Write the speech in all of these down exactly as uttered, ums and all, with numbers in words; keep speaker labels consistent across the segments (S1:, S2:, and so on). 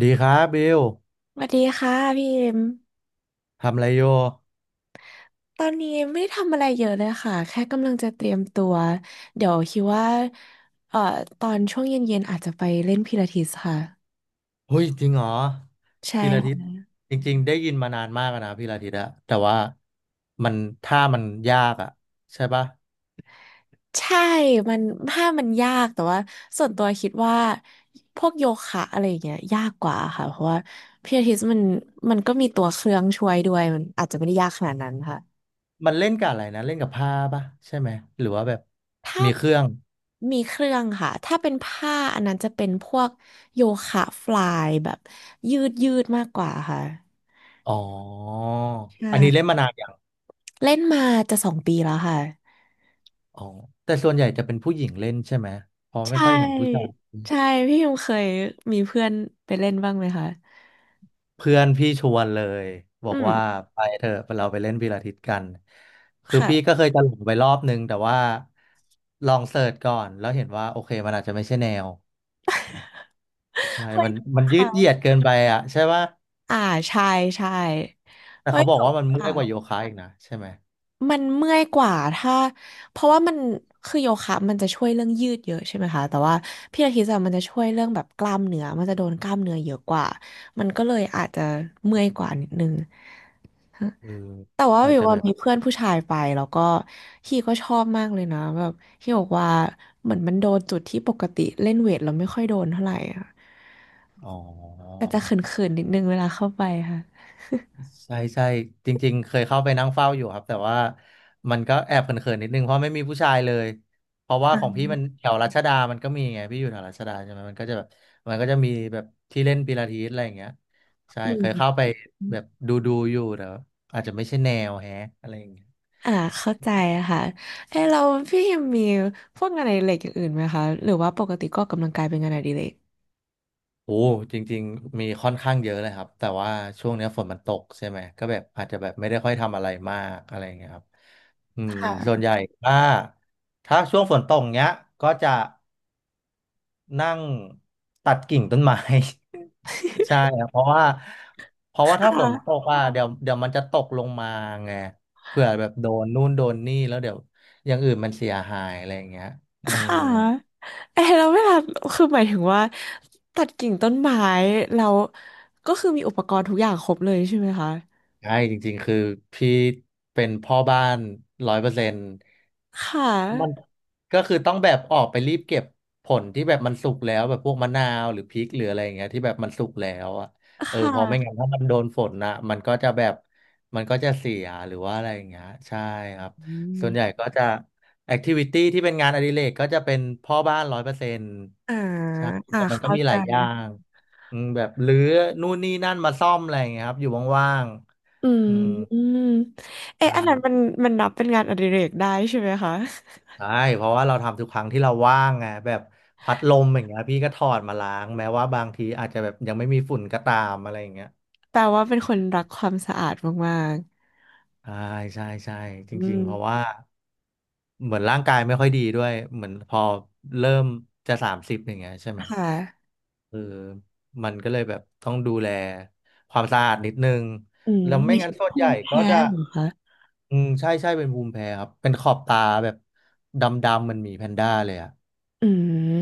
S1: ดีครับบิว
S2: สวัสดีค่ะพี่เอ็ม
S1: ทำอะไรโย
S2: ตอนนี้ไม่ได้ทำอะไรเยอะเลยค่ะแค่กำลังจะเตรียมตัวเดี๋ยวคิดว่าเอ่อตอนช่วงเย็นๆอาจจะไปเล่นพิลาทิสค่ะ
S1: เฮ้ยจริงเหรอ
S2: ใช่
S1: พีระทิตจริงๆได้ยินมานานมากอะนะพีระทิตอะแต่ว่ามันท่ามันยากอะใช่ปะ
S2: ใช่มันถ้ามันยากแต่ว่าส่วนตัวคิดว่าพวกโยคะอะไรอย่างเงี้ยยากกว่าค่ะเพราะว่าพิลาทิสมันมันก็มีตัวเครื่องช่วยด้วยมันอาจจะไม่ได้ยากขนาดนั้นค่ะ
S1: มันเล่นกับอะไรนะเล่นกับผ้าปะใช่ไหมหรือว่าแบบ
S2: ถ้า
S1: มีเครื่อง
S2: มีเครื่องค่ะ ถ้าเป็นผ้าอันนั้นจะเป็นพวกโยคะฟลายแบบยืดยืดมากกว่าค่ะ
S1: อ๋อ
S2: ใช
S1: อันนี้เล่น
S2: ่
S1: มานานอย่าง
S2: เล่นมาจะสองปีแล้วค่ะ
S1: อ๋อแต่ส่วนใหญ่จะเป็นผู้หญิงเล่นใช่ไหมเพอ
S2: ใช
S1: ไม่ค่อยเห็นผู้ชา
S2: ่
S1: ย
S2: ใช่พี่ยงเคยมีเพื่อนไปเล่นบ้างไหมคะ
S1: เพื่อนพี่ชวนเลยบอ
S2: อื
S1: ก
S2: ม
S1: ว่าไปเถอะเราไปเล่นพีลาทิสกันคือพี่
S2: ค่ะ
S1: ก็เคยจะหลงไปรอบนึงแต่ว่าลองเสิร์ชก่อนแล้วเห็นว่าโอเคมันอาจจะไม่ใช่แนวใช่
S2: เฮ้
S1: มั
S2: ย
S1: นมันยืดเหยี
S2: ค่ะ
S1: ยดเกินไปอ่ะใช่ป่ะ
S2: อ่าใช่ ใช่
S1: แต่
S2: เฮ้ย
S1: เขาบอ
S2: จ
S1: ก
S2: บ
S1: ว่ามันเมื่อยกว่าโย
S2: ค่ะ
S1: คะอีกนะใช่ไหม
S2: มันเมื่อยกว่าถ้าเพราะว่ามันคือโยคะมันจะช่วยเรื่องยืดเยอะใช่ไหมคะแต่ว่าพิลาทิสอะมันจะช่วยเรื่องแบบกล้ามเนื้อมันจะโดนกล้ามเนื้อเยอะกว่ามันก็เลยอาจจะเมื่อยกว่านิดนึง
S1: เออ
S2: แต่ว่า
S1: อาจ
S2: วิว
S1: จะ
S2: ว่า
S1: แบบ
S2: มีเพื่อนผู้ชายไปแล้วก็ฮีก็ชอบมากเลยนะแบบฮีบอกว่าเหมือนมันโดนจุดที่ปกติเล่นเวทเราไม่ค่อยโดนเท่าไหร่อะ
S1: อ๋อ
S2: แต่จะเขินๆนิดนึงเวลาเข้าไปค่ะ
S1: ใช่ใช่จริงๆเคยเข้าไปนั่งเฝ้าอยู่ครับแต่ว่ามันก็แอบเขินๆนิดนึงเพราะไม่มีผู้ชายเลยเพราะว่าของพี่มันแถวรัชดามันก็มีไงพี่อยู่แถวรัชดาใช่ไหมมันก็จะแบบมันก็จะมีแบบที่เล่นปิลาทิสอะไรอย่างเงี้ยใช่
S2: อื
S1: เค
S2: ม
S1: ยเข้าไปแบบดูดูอยู่แต่ว่าอาจจะไม่ใช่แนวแฮะอะไรอย่างเงี้ย
S2: อ่าเข้าใจค่ะเอ้ยเราพี่ยังมีพวกงานอดิเรกอย่างอื่นไหมคะหรือว่าปกติก็ออกกำลังกายเป็นงานอดิเรก
S1: โอ้จริงๆมีค่อนข้างเยอะเลยครับแต่ว่าช่วงเนี้ยฝนมันตกใช่ไหมก็แบบอาจจะแบบไม่ได้ค่อยทำอะไรมากอะไรอย่างเงี้ยครับอืม
S2: ค
S1: ส่วน
S2: ่ะ
S1: ใหญ่ถ้าถ้าช่วงฝนตกเนี้ยก็จะ นั่งตัดกิ่งต้นไม้ ใช่ครับเพราะว่าเพราะว่าถ้าฝนต
S2: ค่ะ
S1: กอ่ะเดี๋ยวเดี๋ยวมันจะตกลงมาไงเผื่อแบบโดนนู่นโดนนี่แล้วเดี๋ยวอย่างอื่นมันเสียหายอะไรอย่างเงี้ยอื
S2: ค
S1: ม
S2: ่ะเออแล้วเวลาคือหมายถึงว่าตัดกิ่งต้นไม้เราก็คือมีอุปกรณ์ทุกอย่างครบเลยใช่ไหมคะ
S1: ใช่จริงๆคือพี่เป็นพ่อบ้านร้อยเปอร์เซ็นต์
S2: ค่
S1: มัน
S2: ะ
S1: ก็คือต้องแบบออกไปรีบเก็บผลที่แบบมันสุกแล้วแบบพวกมะนาวหรือพริกหรืออะไรอย่างเงี้ยที่แบบมันสุกแล้วอ่ะเอ
S2: ค
S1: อเพอไม่งั้น
S2: ่ะ
S1: ถ้ามันโดนฝนนะมันก็จะแบบมันก็จะเสียหรือว่าอะไรอย่างเงี้ยใช่ครับ
S2: อื
S1: ส่วนใหญ่
S2: ม
S1: ก็จะแอคทิวิตี้ที่เป็นงานอดิเรกก็จะเป็นพ่อบ้านร้อยเปอร์เซ็นต์
S2: อ่า
S1: ใช่
S2: อ่า
S1: แต่มันก็
S2: เข้า
S1: มีห
S2: ใจ
S1: ลายอย่างอืมแบบรื้อนู่นนี่นั่นมาซ่อมอะไรอย่างเงี้ยครับอยู่ว่าง
S2: อื
S1: ๆ
S2: ม
S1: อืม
S2: อืมเอ๊ะ
S1: ใช่
S2: อันนั้นมันมันนับเป็นงานอดิเรกได้ใช่ไหมคะ
S1: ใช่เพราะว่าเราทำทุกครั้งที่เราว่างไงแบบพัดลมอย่างเงี้ยพี่ก็ถอดมาล้างแม้ว่าบางทีอาจจะแบบยังไม่มีฝุ่นก็ตามอะไรอย่างเงี้ย
S2: แปลว่าเป็นคนรักความสะอาดมาก
S1: ใช่ใช่ใช่จ
S2: อื
S1: ริงๆ
S2: ม
S1: เพราะว่าเหมือนร่างกายไม่ค่อยดีด้วยเหมือนพอเริ่มจะสามสิบอย่างเงี้ยใช่ไหม
S2: ค่ะ
S1: เออมันก็เลยแบบต้องดูแลความสะอาดนิดนึง
S2: อืม
S1: แล้วไม่
S2: มี
S1: งั้
S2: ช่
S1: นส่วน
S2: ภู
S1: ใหญ่
S2: มิ
S1: ก็
S2: แพ้
S1: จะ
S2: เหรอคะ
S1: อืมใช่ใช่เป็นภูมิแพ้ครับเป็นขอบตาแบบดำๆมันหมีแพนด้าเลยอ่ะ
S2: อืม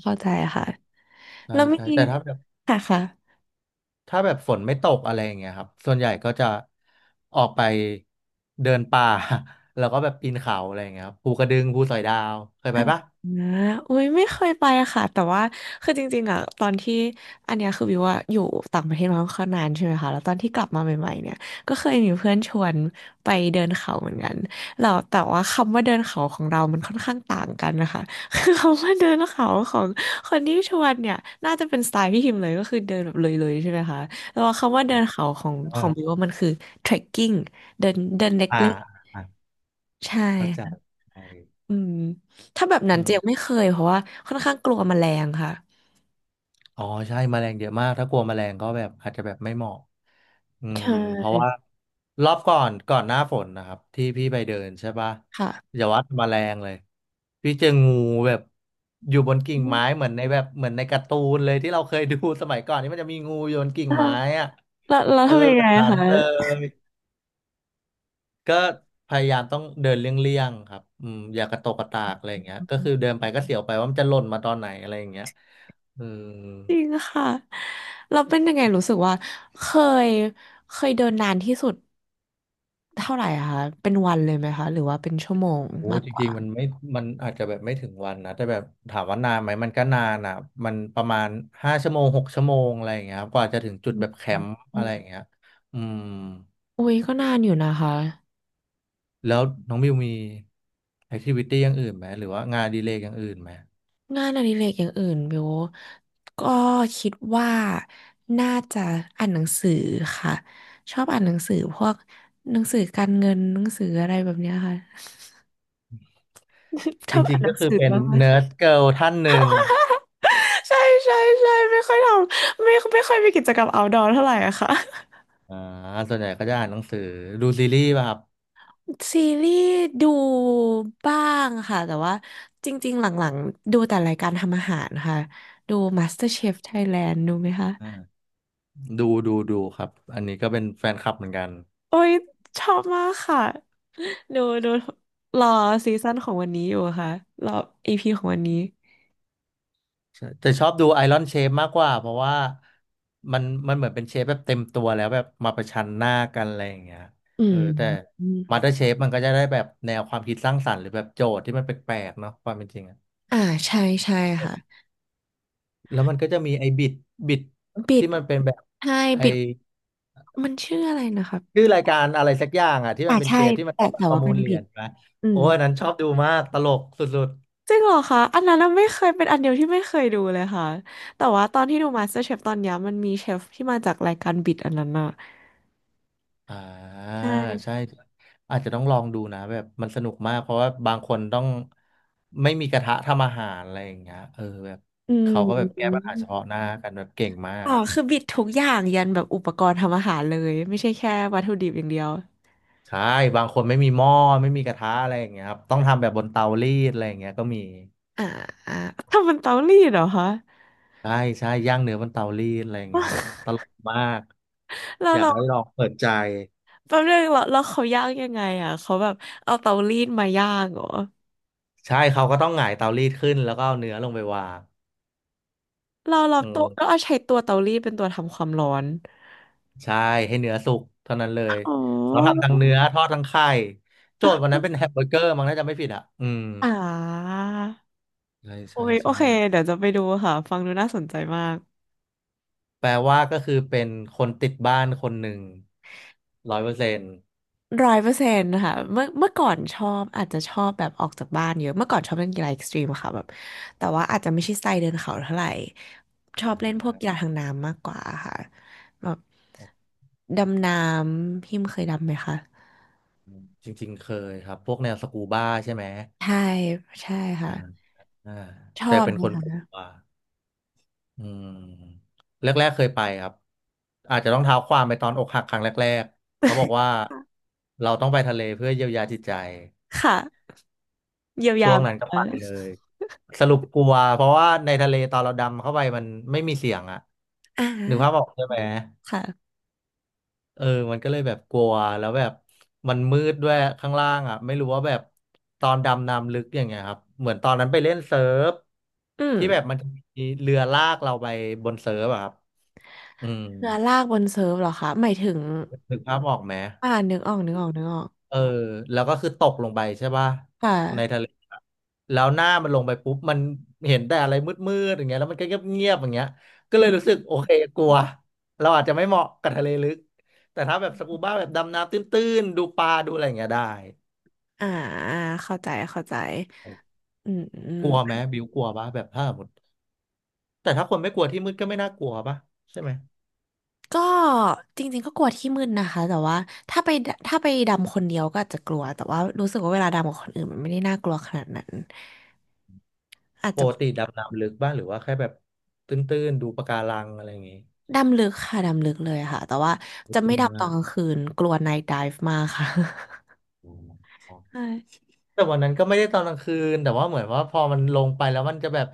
S2: เข้าใจค่ะ
S1: ใช่
S2: แล้วเมื่อ
S1: ใช่
S2: กี้
S1: แต่ถ้าแบบ
S2: ค่ะค่ะ
S1: ถ้าแบบฝนไม่ตกอะไรอย่างเงี้ยครับ ส่วนใหญ่ก็จะออกไปเดินป่า แล้วก็แบบปีนเขาอะไรอย่างเงี้ยครับภูกระดึงภูสอยดาวเคยไปปะ
S2: นะอุ้ยไม่เคยไปอะค่ะแต่ว่าคือจริงๆอ่ะตอนที่อันเนี้ยคือวิวว่าอยู่ต่างประเทศมาค่อนข้างนานใช่ไหมคะแล้วตอนที่กลับมาใหม่ๆเนี่ยก็เคยมีเพื่อนชวนไปเดินเขาเหมือนกันแล้วแต่ว่าคำว่าเดินเขาของเรามันค่อนข้างต่างกันนะคะ คือคำว่าเดินเขาของคนที่ชวนเนี่ยน่าจะเป็นสไตล์พี่ฮิมพ์เลยก็คือเดินแบบเลยๆใช่ไหมคะแต่ว่าคำว่าเดินเขาของขอ
S1: อา
S2: งวิวว่ามันคือ เทรคกิ้ง เดินเดินเล
S1: อ่า
S2: ็ก
S1: อ่า
S2: ๆใช่
S1: เข้าใจใช่
S2: อืมถ้าแบบนั้
S1: อื
S2: นเจียงไม่
S1: ม
S2: เคยเพราะว่าค่อนข้างกลัวแมลงค่ะ
S1: อ๋อใช่แมลงเยอะมากถ้ากลัวแมลงก็แบบอาจจะแบบไม่เหมาะอื
S2: ใช
S1: มเพราะว่า
S2: ่
S1: รอบก่อนก่อนหน้าฝนนะครับที่พี่ไปเดินใช่ปะ
S2: ค่ะ
S1: อย่าว่าแต่แมลงเลยพี่เจองูแบบอยู่บนกิ่
S2: อื
S1: ง
S2: ม
S1: ไม้เหมือนในแบบเหมือนในการ์ตูนเลยที่เราเคยดูสมัยก่อนที่มันจะมีงูอยู่บนกิ่ง
S2: อ่ะ
S1: ไม้อะ
S2: แล้วแล้ว
S1: เออ
S2: ทำยัง
S1: แบ
S2: ไง
S1: บนั้น
S2: คะ
S1: เลยก็พยายามต้องเดินเลี่ยงๆครับอืมอย่ากระตกกระตากอะไรอย่างเงี้ยก็คือเดินไปก็เสียวไปว่ามันจะหล่นมาตอนไหนอะไรอย่างเงี้ยอืม
S2: จริงค่ะเราเป็นยังไงรู้สึกว่าเคยเคยเดินนานที่สุดเท่าไหร่อะคะเป็นวันเลยไหมคะหรือว่าเป็นชั่วโมง
S1: โอ้
S2: มาก
S1: จ
S2: ก
S1: ริ
S2: ว่า
S1: งๆมันไม่มันอาจจะแบบไม่ถึงวันนะแต่แบบถามว่านานไหมมันก็นานอ่ะมันประมาณห้าชั่วโมงหกชั่วโมงอะไรอย่างเงี้ยครับกว่าจะถึงจุ
S2: อ
S1: ดแบบแคมป์
S2: ื
S1: อะไรอย่าง
S2: ม
S1: เงี้ยอืม
S2: อุ้ยก็นานอยู่นะคะ
S1: แล้วน้องบิวมีแอคทิวิตี้อย่างอื่นไหมหรือว่างานอดีเลย์อย่างอื่นไหม
S2: งานอดิเรกอย่างอื่นบิวก็คิดว่าน่าจะอ่านหนังสือค่ะชอบอ่านหนังสือพวกหนังสือการเงินหนังสืออะไรแบบเนี้ยค่ะ ช
S1: จ
S2: อบ
S1: ริ
S2: อ่า
S1: ง
S2: นห
S1: ๆ
S2: นั
S1: ก็
S2: ง
S1: คือ
S2: สือ
S1: เป็น
S2: บ้างไหม
S1: เนิ
S2: คะ
S1: ร์ดเกิร์ลท่านหนึ่ง
S2: ใช่ใช่ใช่ไม่ค่อยทำไม่ไม่ค่อยมีกิจกรรม เอาท์ดอร์ เท่าไหร่อะค่ะ
S1: อ่าส่วนใหญ่ก็จะอ่านหนังสือดูซีรีส์ป่ะครับ
S2: ซีรีส์ดูบ้างค่ะแต่ว่าจริงๆหลังๆดูแต่รายการทำอาหารค่ะดู มาสเตอร์เชฟไทยแลนด์ ดูไหมคะ
S1: อ่าดูดูดูครับอันนี้ก็เป็นแฟนคลับเหมือนกัน
S2: โอ้ยชอบมากค่ะดูดูรอซีซั่นของวันนี้อยู่ค่ะรออีพีของวันนี้
S1: ใช่แต่ชอบดูไอรอนเชฟมากกว่าเพราะว่ามันมันเหมือนเป็นเชฟแบบเต็มตัวแล้วแบบมาประชันหน้ากันอะไรอย่างเงี้ย
S2: อื
S1: เออ
S2: ม
S1: แต่
S2: อม
S1: มาสเตอร์เชฟมันก็จะได้แบบแนวความคิดสร้างสรรค์หรือแบบโจทย์ที่มันแปลกๆเนาะความเป็นจริงอะ
S2: อ่าใช่ใช่ค่ะ
S1: แล้วมันก็จะมีไอ้บิดบิด
S2: บิด
S1: ที่มันเป็นแบบ
S2: ใช่
S1: ไอ้
S2: บิดมันชื่ออะไรนะครับ
S1: ชื่อรายการอะไรสักอย่างอะที่
S2: อ่า
S1: มันเป็น
S2: ใช่
S1: เชฟที่มัน
S2: แต่
S1: ต้องมา
S2: แต่
S1: ประ
S2: ว่า
S1: มู
S2: มั
S1: ล
S2: น
S1: เหรี
S2: บิ
S1: ย
S2: ด
S1: ญนะ
S2: อื
S1: โอ้
S2: ม
S1: ยอันนั้นชอบดูมากตลกสุด
S2: จริงเหรอคะอันนั้นน่ะไม่เคยเป็นอันเดียวที่ไม่เคยดูเลยค่ะแต่ว่าตอนที่ดู MasterChef ตอนเนี้ยมันมีเชฟที่มาจากรายการบิดอันนั้นอะ
S1: อ่า
S2: ใช่
S1: ใช่อาจจะต้องลองดูนะแบบมันสนุกมากเพราะว่าบางคนต้องไม่มีกระทะทำอาหารอะไรอย่างเงี้ยเออแบบ
S2: อื
S1: เขาก็แบบแก้ปัญหาเฉพาะ
S2: ม
S1: หน้ากันแบบเก่งมา
S2: อ๋
S1: ก
S2: อคือบิดทุกอย่างยันแบบอุปกรณ์ทำอาหารเลยไม่ใช่แค่วัตถุดิบอย่างเดียว
S1: ใช่บางคนไม่มีหม้อไม่มีกระทะอะไรอย่างเงี้ยครับต้องทำแบบบนเตารีดอะไรอย่างเงี้ยก็มี
S2: อ่าอ่าทำเป็นเตารีดเหรอคะ
S1: ใช่ใช่ย่างเนื้อบนเตารีดอะไรอย่างเงี้ยตลกมาก
S2: แล้ว
S1: อยาก
S2: เรา
S1: ให้ลองเปิดใจ
S2: แป๊บนึงเราเราเขาย่างยังไงอ่ะเขาแบบเอาเตารีดมาย่างเหรอ
S1: ใช่เขาก็ต้องหงายเตารีดขึ้นแล้วก็เอาเนื้อลงไปวาง
S2: เราเรา
S1: อื
S2: ตัวก็
S1: ม
S2: เอาใช้ตัวเตารีดเป็นตัวทำความร้อน
S1: ใช่ให้เนื้อสุกเท่านั้นเลย
S2: อ๋อ
S1: เราทำทั้งเนื้อทอดทั้งไข่โจทย์วันนั้ นเป็นแฮมเบอร์เกอร์มั้งน่าจะไม่ผิดอ่ะอืม
S2: อ่า
S1: ใช่
S2: โอ้
S1: ใช่
S2: ยโอ
S1: ใช่
S2: เคเดี๋ยวจะไปดูค่ะฟังดูน่าสนใจมาก
S1: แปลว่าก็คือเป็นคนติดบ้านคนหนึ่งร้อยเปอร์เซ็นต์
S2: ร้อยเปอร์เซ็นต์ค่ะเมื่อเมื่อก่อนชอบอาจจะชอบแบบออกจากบ้านเยอะเมื่อก่อนชอบเล่นกีฬาเอ็กซ์ตรีมค่ะแบบแต่ว่าอาจจะไม่ใช่สไตล์เดินเขาเท่าไหร่ชอบเล่นพวกกีฬาทางน้ำมากกว่าค่ะแบบดำน้ำพิมเคยดำไหมคะ
S1: จริงๆเคยครับพวกแนวสกูบ้าใช่ไหม
S2: ใช่ใช่
S1: อ่า
S2: ค่ะ
S1: อ่า
S2: ช
S1: แต่
S2: อบ
S1: เป็นคนกลัวอืมแรกๆเคยไปครับอาจจะต้องเท้าความไปตอนอกหักครั้งแรกๆเขาบอกว่าเราต้องไปทะเลเพื่อเยียวยาจิตใจ
S2: ค่ะเยียวยา
S1: ช่วงนั้นก็
S2: เออ
S1: ไปเลยสรุปกลัวเพราะว่าในทะเลตอนเราดำเข้าไปมันไม่มีเสียงอะ
S2: อ่
S1: นึกภาพอ
S2: า
S1: อกใช่ไหม
S2: ค่ะ
S1: เออมันก็เลยแบบกลัวแล้วแบบมันมืดด้วยข้างล่างอะไม่รู้ว่าแบบตอนดำน้ำลึกอย่างเงี้ยครับเหมือนตอนนั้นไปเล่นเซิร์ฟ
S2: อืม
S1: ที่แบบมันจะมีเรือลากเราไปบนเซิร์ฟอะครับอืม
S2: เรือลากบนเซิร์ฟเหรอคะหมายถึง
S1: นึกภาพออกไหม
S2: อ่านึกออกนึกออกนึกออก
S1: เออแล้วก็คือตกลงไปใช่ป่ะ
S2: ค
S1: ใน
S2: ่ะ
S1: ทะเลอะแล้วหน้ามันลงไปปุ๊บมันเห็นแต่อะไรมืดๆอย่างเงี้ยแล้วมันก็เงียบๆอย่างเงี้ยก็เลยรู้สึกโอเคกลัวเราอาจจะไม่เหมาะกับทะเลลึกแต่ถ้าแบบสกูบ้าแบบดำน้ำตื้นๆดูปลาดูอะไรอย่างเงี้ยได้
S2: อ่าเข้าใจเข้าใจอืมอืม
S1: กลัวไหมบิวกลัวป่ะแบบถ้าสมมติแต่ถ้าคนไม่กลัวที่มืดก็ไม่น่ากลัวป่ะใช่ไหม
S2: ก็จริงๆก็กลัวที่มืดนะคะแต่ว่าถ้าไปดถ้าไปดำคนเดียวก็อาจจะกลัวแต่ว่ารู้สึกว่าเวลาดำกับคนอื่นมันไม่ได้น่ากลัวขนาดนั้นอาจ
S1: ป
S2: จะ
S1: กติดำน้ำลึกบ้างหรือว่าแค่แบบตื้นๆดูปะการังอะไรอย่างงี้
S2: ดำลึกค่ะดำลึกเลยค่ะแต่ว่าจะ
S1: จ
S2: ไม่
S1: ริง
S2: ดำตอ
S1: อ่ะ
S2: นกลางคืนกลัว ไนท์ไดฟ์ มากค่ะใช่
S1: แต่วันนั้นก็ไม่ได้ตอนกลางคืนแต่ว่าเหมือนว่าพอมันลงไปแล้วมันจะแบบ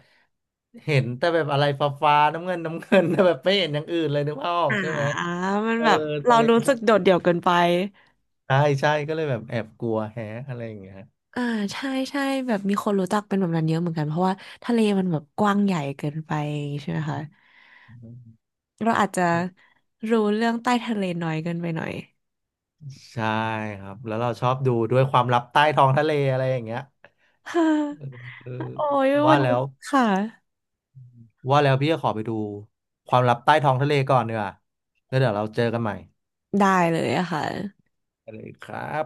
S1: เห็นแต่แบบอะไรฟ้าฟ้าน้ำเงิน น้ำเงินแต่แบบไม่เห็นอย่างอื่นเลยนึกภาพออ
S2: อ่า
S1: กใช่ไหม
S2: มัน
S1: เออ
S2: แบบเรา
S1: ทะเล
S2: รู้สึ
S1: นะ
S2: กโดดเดี่ยวเกินไป
S1: ใช่ใช่ก็เลยแบบแอบกลัวแฮะอะไรอย่างเงี้ย
S2: อ่าใช่ใช่แบบมีคนรู้จักเป็นแบบนั้นเยอะเหมือนกันเพราะว่าทะเลมันแบบกว้างใหญ่เกินไปอย่างงี้ใช่ไหมคะ เราอาจจะรู้เรื่องใต้ทะเลน้อยเกินไปหน่อย
S1: ใช่ครับแล้วเราชอบดูด้วยความลับใต้ท้องทะเลอะไรอย่างเงี้ย
S2: ฮ่า
S1: เออ
S2: โอ้ย
S1: ว่า
S2: วัน
S1: แล้
S2: นี้
S1: ว
S2: ค่ะ
S1: ว่าแล้วพี่จะขอไปดูความลับใต้ท้องทะเลก่อนเนีกว่ยแล้วเดี๋ยวเราเจอกันใหม่
S2: ได้เลยอะค่ะ
S1: ไปเลยครับ